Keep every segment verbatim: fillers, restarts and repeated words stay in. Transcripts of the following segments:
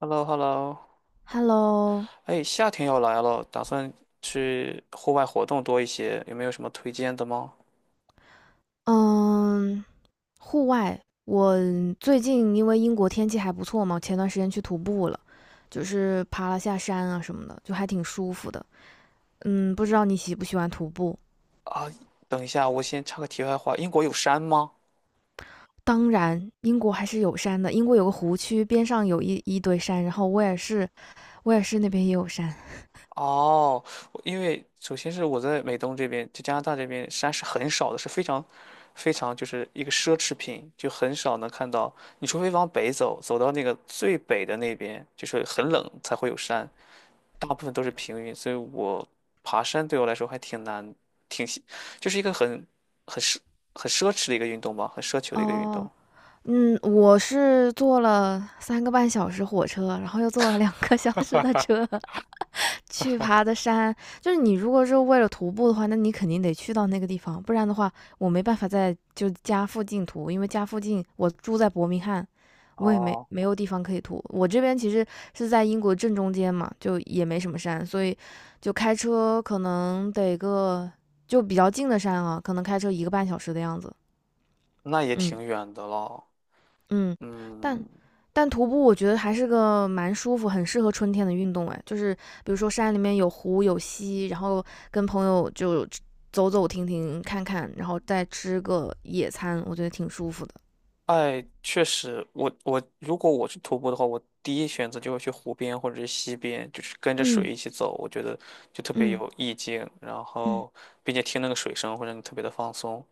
h e l l o h e l l o。 Hello，哎，夏天要来了，打算去户外活动多一些，有没有什么推荐的吗？嗯，户外，我最近因为英国天气还不错嘛，前段时间去徒步了，就是爬了下山啊什么的，就还挺舒服的。嗯，不知道你喜不喜欢徒步？啊，等一下，我先插个题外话，英国有山吗？当然，英国还是有山的，英国有个湖区，边上有一一堆山，然后威尔士，威尔士那边也有山。哦，我因为首先是我在美东这边，就加拿大这边山是很少的，是非常非常就是一个奢侈品，就很少能看到。你除非往北走，走到那个最北的那边，就是很冷才会有山，大部分都是平原，所以我爬山对我来说还挺难，挺喜就是一个很很奢很奢侈的一个运动吧，很奢求的一个运哦，动。嗯，我是坐了三个半小时火车，然后又坐了两个小时的车。去爬的山，就是你如果是为了徒步的话，那你肯定得去到那个地方，不然的话，我没办法在就家附近徒，因为家附近我住在伯明翰，我也没哦，没有地方可以徒。我这边其实是在英国正中间嘛，就也没什么山，所以就开车可能得个就比较近的山啊，可能开车一个半小时的样子。那也嗯，挺远的了，嗯，但嗯。但徒步我觉得还是个蛮舒服、很适合春天的运动哎，就是比如说山里面有湖有溪，然后跟朋友就走走停停看看，然后再吃个野餐，我觉得挺舒服的。哎，确实，我我如果我去徒步的话，我第一选择就会去湖边或者是溪边，就是跟着嗯水一起走，我觉得就特别嗯有意境，然嗯，后并且听那个水声会让你特别的放松。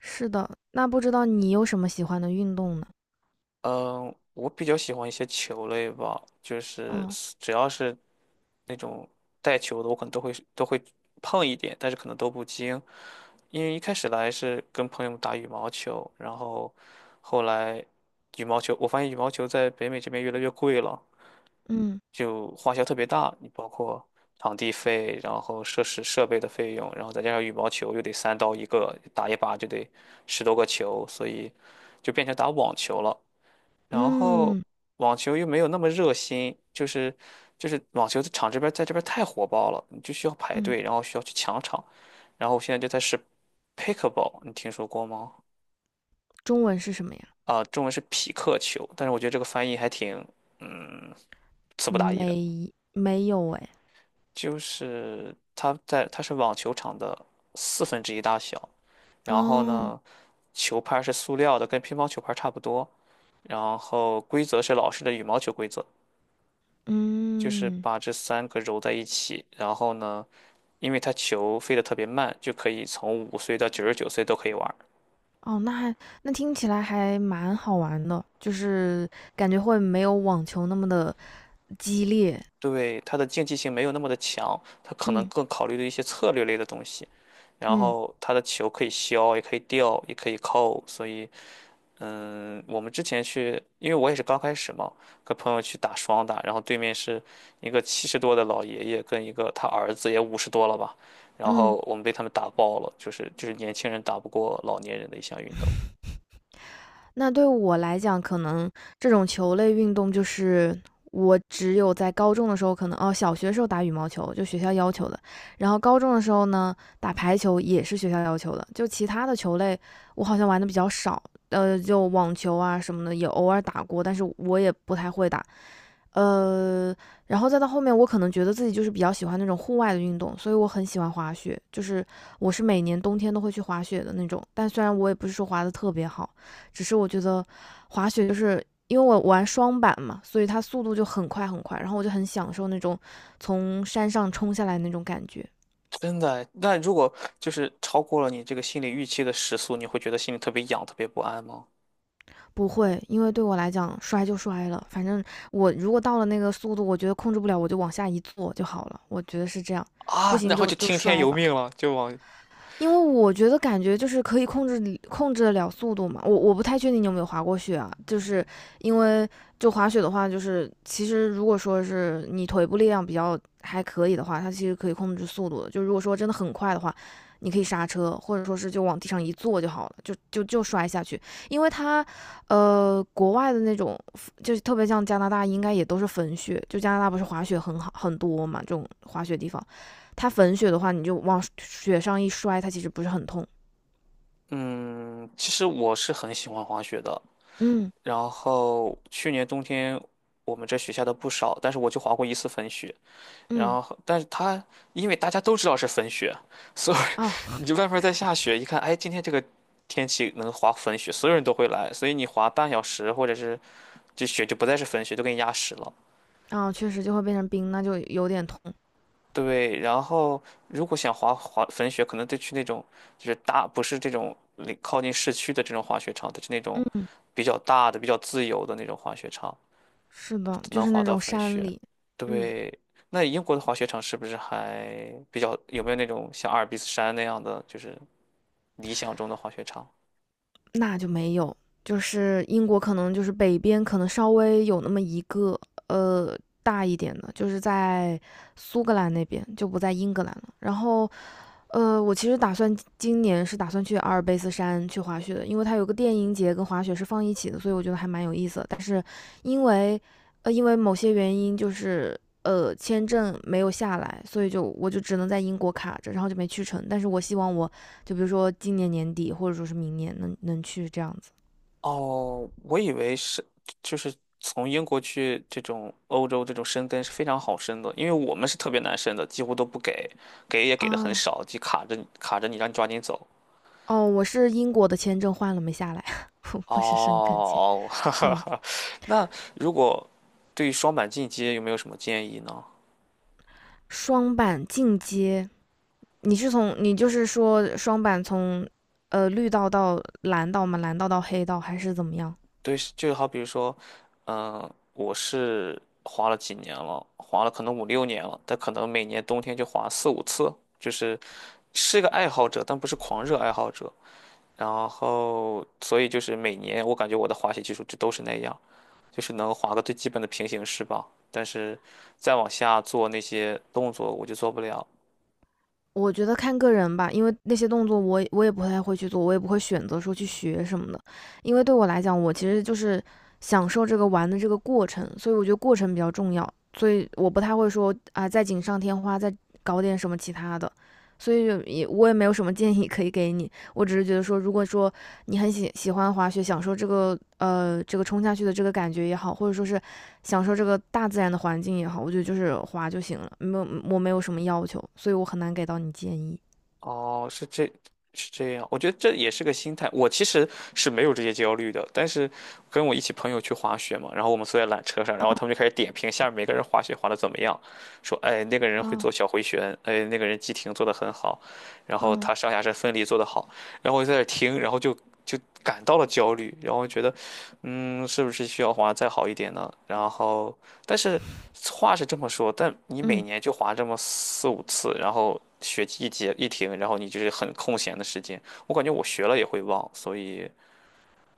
是的。那不知道你有什么喜欢的运动呢？嗯，我比较喜欢一些球类吧，就是哦，只要是那种带球的，我可能都会都会碰一点，但是可能都不精。因为一开始来是跟朋友们打羽毛球，然后后来羽毛球，我发现羽毛球在北美这边越来越贵了，嗯就花销特别大，你包括场地费，然后设施设备的费用，然后再加上羽毛球又得三刀一个，打一把就得十多个球，所以就变成打网球了。然后嗯网球又没有那么热心，就是就是网球的场这边在这边太火爆了，你就需要排嗯，队，然后需要去抢场。然后我现在就在是 pickleball,你听说过吗？中文是什么呀？啊、中文是匹克球，但是我觉得这个翻译还挺，嗯，词不达意的。没没有哎。就是它在它是网球场的四分之一大小，然后哦，呢，球拍是塑料的，跟乒乓球拍差不多，然后规则是老式的羽毛球规则，就是嗯。把这三个揉在一起，然后呢，因为它球飞得特别慢，就可以从五岁到九十九岁都可以玩儿。哦，那还那听起来还蛮好玩的，就是感觉会没有网球那么的激烈。对，它的竞技性没有那么的强，它可能嗯更考虑的一些策略类的东西，然嗯后它的球可以削，也可以吊，也可以扣，所以嗯，我们之前去，因为我也是刚开始嘛，跟朋友去打双打，然后对面是一个七十多的老爷爷跟一个他儿子也五十多了吧，然后嗯，我们被他们打爆了，就是就是年轻人打不过老年人的一项运动，那对我来讲，可能这种球类运动就是我只有在高中的时候，可能哦，小学时候打羽毛球就学校要求的，然后高中的时候呢打排球也是学校要求的，就其他的球类我好像玩的比较少，呃，就网球啊什么的也偶尔打过，但是我也不太会打。呃，然后再到后面，我可能觉得自己就是比较喜欢那种户外的运动，所以我很喜欢滑雪，就是我是每年冬天都会去滑雪的那种。但虽然我也不是说滑的特别好，只是我觉得滑雪就是因为我玩双板嘛，所以它速度就很快很快，然后我就很享受那种从山上冲下来那种感觉。真的。那如果就是超过了你这个心理预期的时速，你会觉得心里特别痒，特别不安吗？不会，因为对我来讲，摔就摔了，反正我如果到了那个速度，我觉得控制不了，我就往下一坐就好了，我觉得是这样。不啊，行然后就就就听天摔由吧，命了，就往。因为我觉得感觉就是可以控制控制得了速度嘛。我我不太确定你有没有滑过雪啊，就是因为就滑雪的话，就是其实如果说是你腿部力量比较还可以的话，它其实可以控制速度的。就如果说真的很快的话，你可以刹车，或者说是就往地上一坐就好了，就就就摔下去。因为它，呃，国外的那种就是特别像加拿大，应该也都是粉雪，就加拿大不是滑雪很好很多嘛，这种滑雪地方。它粉雪的话，你就往雪上一摔，它其实不是很痛。嗯，其实我是很喜欢滑雪的，嗯然后去年冬天我们这雪下的不少，但是我就滑过一次粉雪。然嗯，后，但是它因为大家都知道是粉雪，所以 哦你就外面在下雪，一看，哎，今天这个天气能滑粉雪，所有人都会来，所以你滑半小时或者是这雪就不再是粉雪，都给你压实了。哦，确实就会变成冰，那就有点痛。对，然后如果想滑滑粉雪，可能得去那种就是大，不是这种离靠近市区的这种滑雪场，得去那种嗯，比较大的、比较自由的那种滑雪场。是的，就能是滑那到种粉山雪。里，嗯，对，那英国的滑雪场是不是还比较，有没有那种像阿尔卑斯山那样的，就是理想中的滑雪场？那就没有。就是英国可能就是北边可能稍微有那么一个呃大一点的，就是在苏格兰那边就不在英格兰了。然后呃，我其实打算今年是打算去阿尔卑斯山去滑雪的，因为它有个电音节跟滑雪是放一起的，所以我觉得还蛮有意思的。但是因为呃因为某些原因，就是呃签证没有下来，所以就我就只能在英国卡着，然后就没去成。但是我希望我就比如说今年年底或者说是明年能能去这样子。哦，我以为是，就是从英国去这种欧洲这种申根是非常好申的，因为我们是特别难申的，几乎都不给，给也给的很哦少，就卡着你卡着你，让你抓紧走。哦，我是英国的签证换了没下来，不是申根签。哦，哈哈嗯，哈。那如果对于双板进阶有没有什么建议呢？双板进阶，你是从你就是说双板从呃绿道到蓝道吗？蓝道到黑道还是怎么样？对，就好比如说，嗯、我是滑了几年了，滑了可能五六年了，但可能每年冬天就滑四五次，就是是个爱好者，但不是狂热爱好者。然后，所以就是每年我感觉我的滑雪技术就都是那样，就是能滑个最基本的平行式吧。但是再往下做那些动作，我就做不了。我觉得看个人吧，因为那些动作我也我也不太会去做，我也不会选择说去学什么的，因为对我来讲，我其实就是享受这个玩的这个过程，所以我觉得过程比较重要，所以我不太会说啊再锦上添花，再搞点什么其他的，所以也我也没有什么建议可以给你，我只是觉得说，如果说你很喜喜欢滑雪，享受这个呃这个冲下去的这个感觉也好，或者说是享受这个大自然的环境也好，我觉得就是滑就行了，没有我没有什么要求，所以我很难给到你建议哦，是这，是这样。我觉得这也是个心态。我其实是没有这些焦虑的，但是跟我一起朋友去滑雪嘛，然后我们坐在缆车上，然后啊他们就开始点评下面每个人滑雪滑的怎么样，说，哎，那个人会啊做小回旋，哎，那个人急停做的很好，然后啊。他上下身分离做得好，然后我就在那听，然后就就感到了焦虑，然后觉得，嗯，是不是需要滑得再好一点呢？然后，但是。话是这么说，但你每嗯。年就滑这么四五次，然后学期一结一停，然后你就是很空闲的时间，我感觉我学了也会忘，所以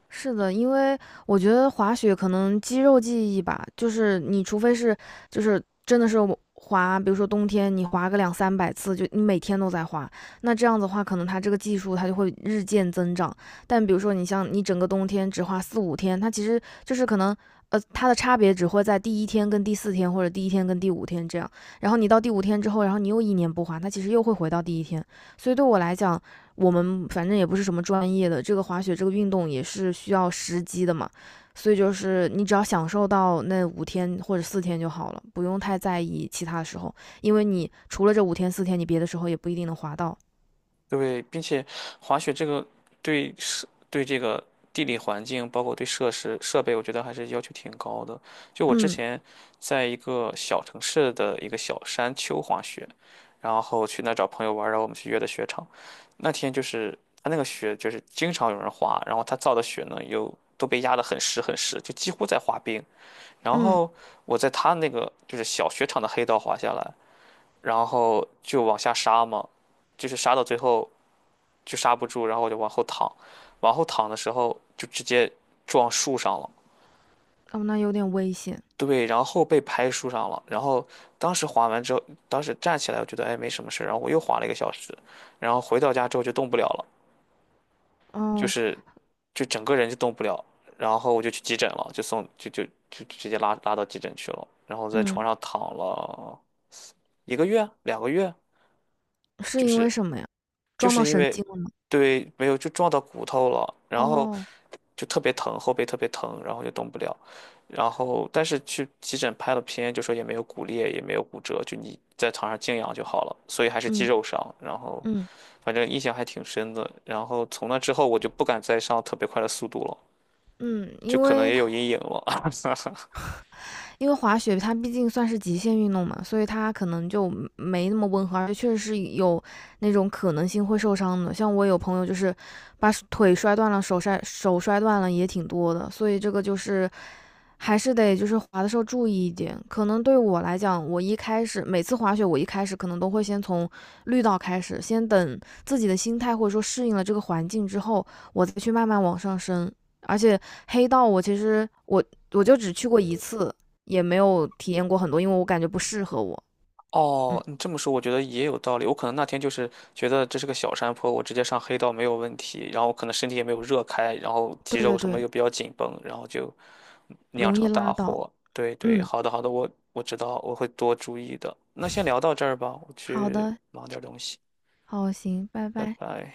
是的，因为我觉得滑雪可能肌肉记忆吧，就是你除非是就是真的是我滑，比如说冬天你滑个两三百次，就你每天都在滑，那这样子的话，可能它这个技术它就会日渐增长。但比如说你像你整个冬天只滑四五天，它其实就是可能。呃，它的差别只会在第一天跟第四天，或者第一天跟第五天这样。然后你到第五天之后，然后你又一年不滑，它其实又会回到第一天。所以对我来讲，我们反正也不是什么专业的，这个滑雪这个运动也是需要时机的嘛，所以就是你只要享受到那五天或者四天就好了，不用太在意其他的时候，因为你除了这五天四天，你别的时候也不一定能滑到。对，并且滑雪这个对设对这个地理环境，包括对设施设备，我觉得还是要求挺高的。就我之嗯前在一个小城市的一个小山丘滑雪，然后去那儿找朋友玩儿，然后我们去约的雪场。那天就是他那个雪就是经常有人滑，然后他造的雪呢又都被压得很实很实，就几乎在滑冰。然嗯，后我在他那个就是小雪场的黑道滑下来，然后就往下杀嘛。就是杀到最后，就刹不住，然后我就往后躺，往后躺的时候就直接撞树上了。哦，那有点危险。对，然后被拍树上了。然后当时滑完之后，当时站起来，我觉得哎没什么事然后我又滑了一个小时，然后回到家之后就动不了了，就哦，是就整个人就动不了。然后我就去急诊了，就送就就就直接拉拉到急诊去了。然后在床嗯，上躺了一个月、两个月，是就因是为什么呀？就撞是到因神为经了吗？对没有就撞到骨头了，然后哦，就特别疼，后背特别疼，然后就动不了。然后但是去急诊拍了片，就说也没有骨裂，也没有骨折，就你在床上静养就好了，所以还是肌嗯肉伤。然后嗯反正印象还挺深的。然后从那之后我就不敢再上特别快的速度了，嗯，就因可能为也他。有阴影了。因为滑雪它毕竟算是极限运动嘛，所以它可能就没那么温和，而且确实是有那种可能性会受伤的。像我有朋友就是把腿摔断了，手摔手摔断了也挺多的，所以这个就是还是得就是滑的时候注意一点。可能对我来讲，我一开始每次滑雪，我一开始可能都会先从绿道开始，先等自己的心态或者说适应了这个环境之后，我再去慢慢往上升。而且黑道我其实我我就只去过一次，也没有体验过很多，因为我感觉不适合我。嗯，哦，你这么说，我觉得也有道理。我可能那天就是觉得这是个小山坡，我直接上黑道没有问题，然后可能身体也没有热开，然后对肌肉对什么对，又比较紧绷，然后就酿容易成大拉到。祸。对对，嗯，好的好的，我我知道，我会多注意的。那先聊到这儿吧，我好去的，忙点儿东西，好，行，拜拜拜。拜。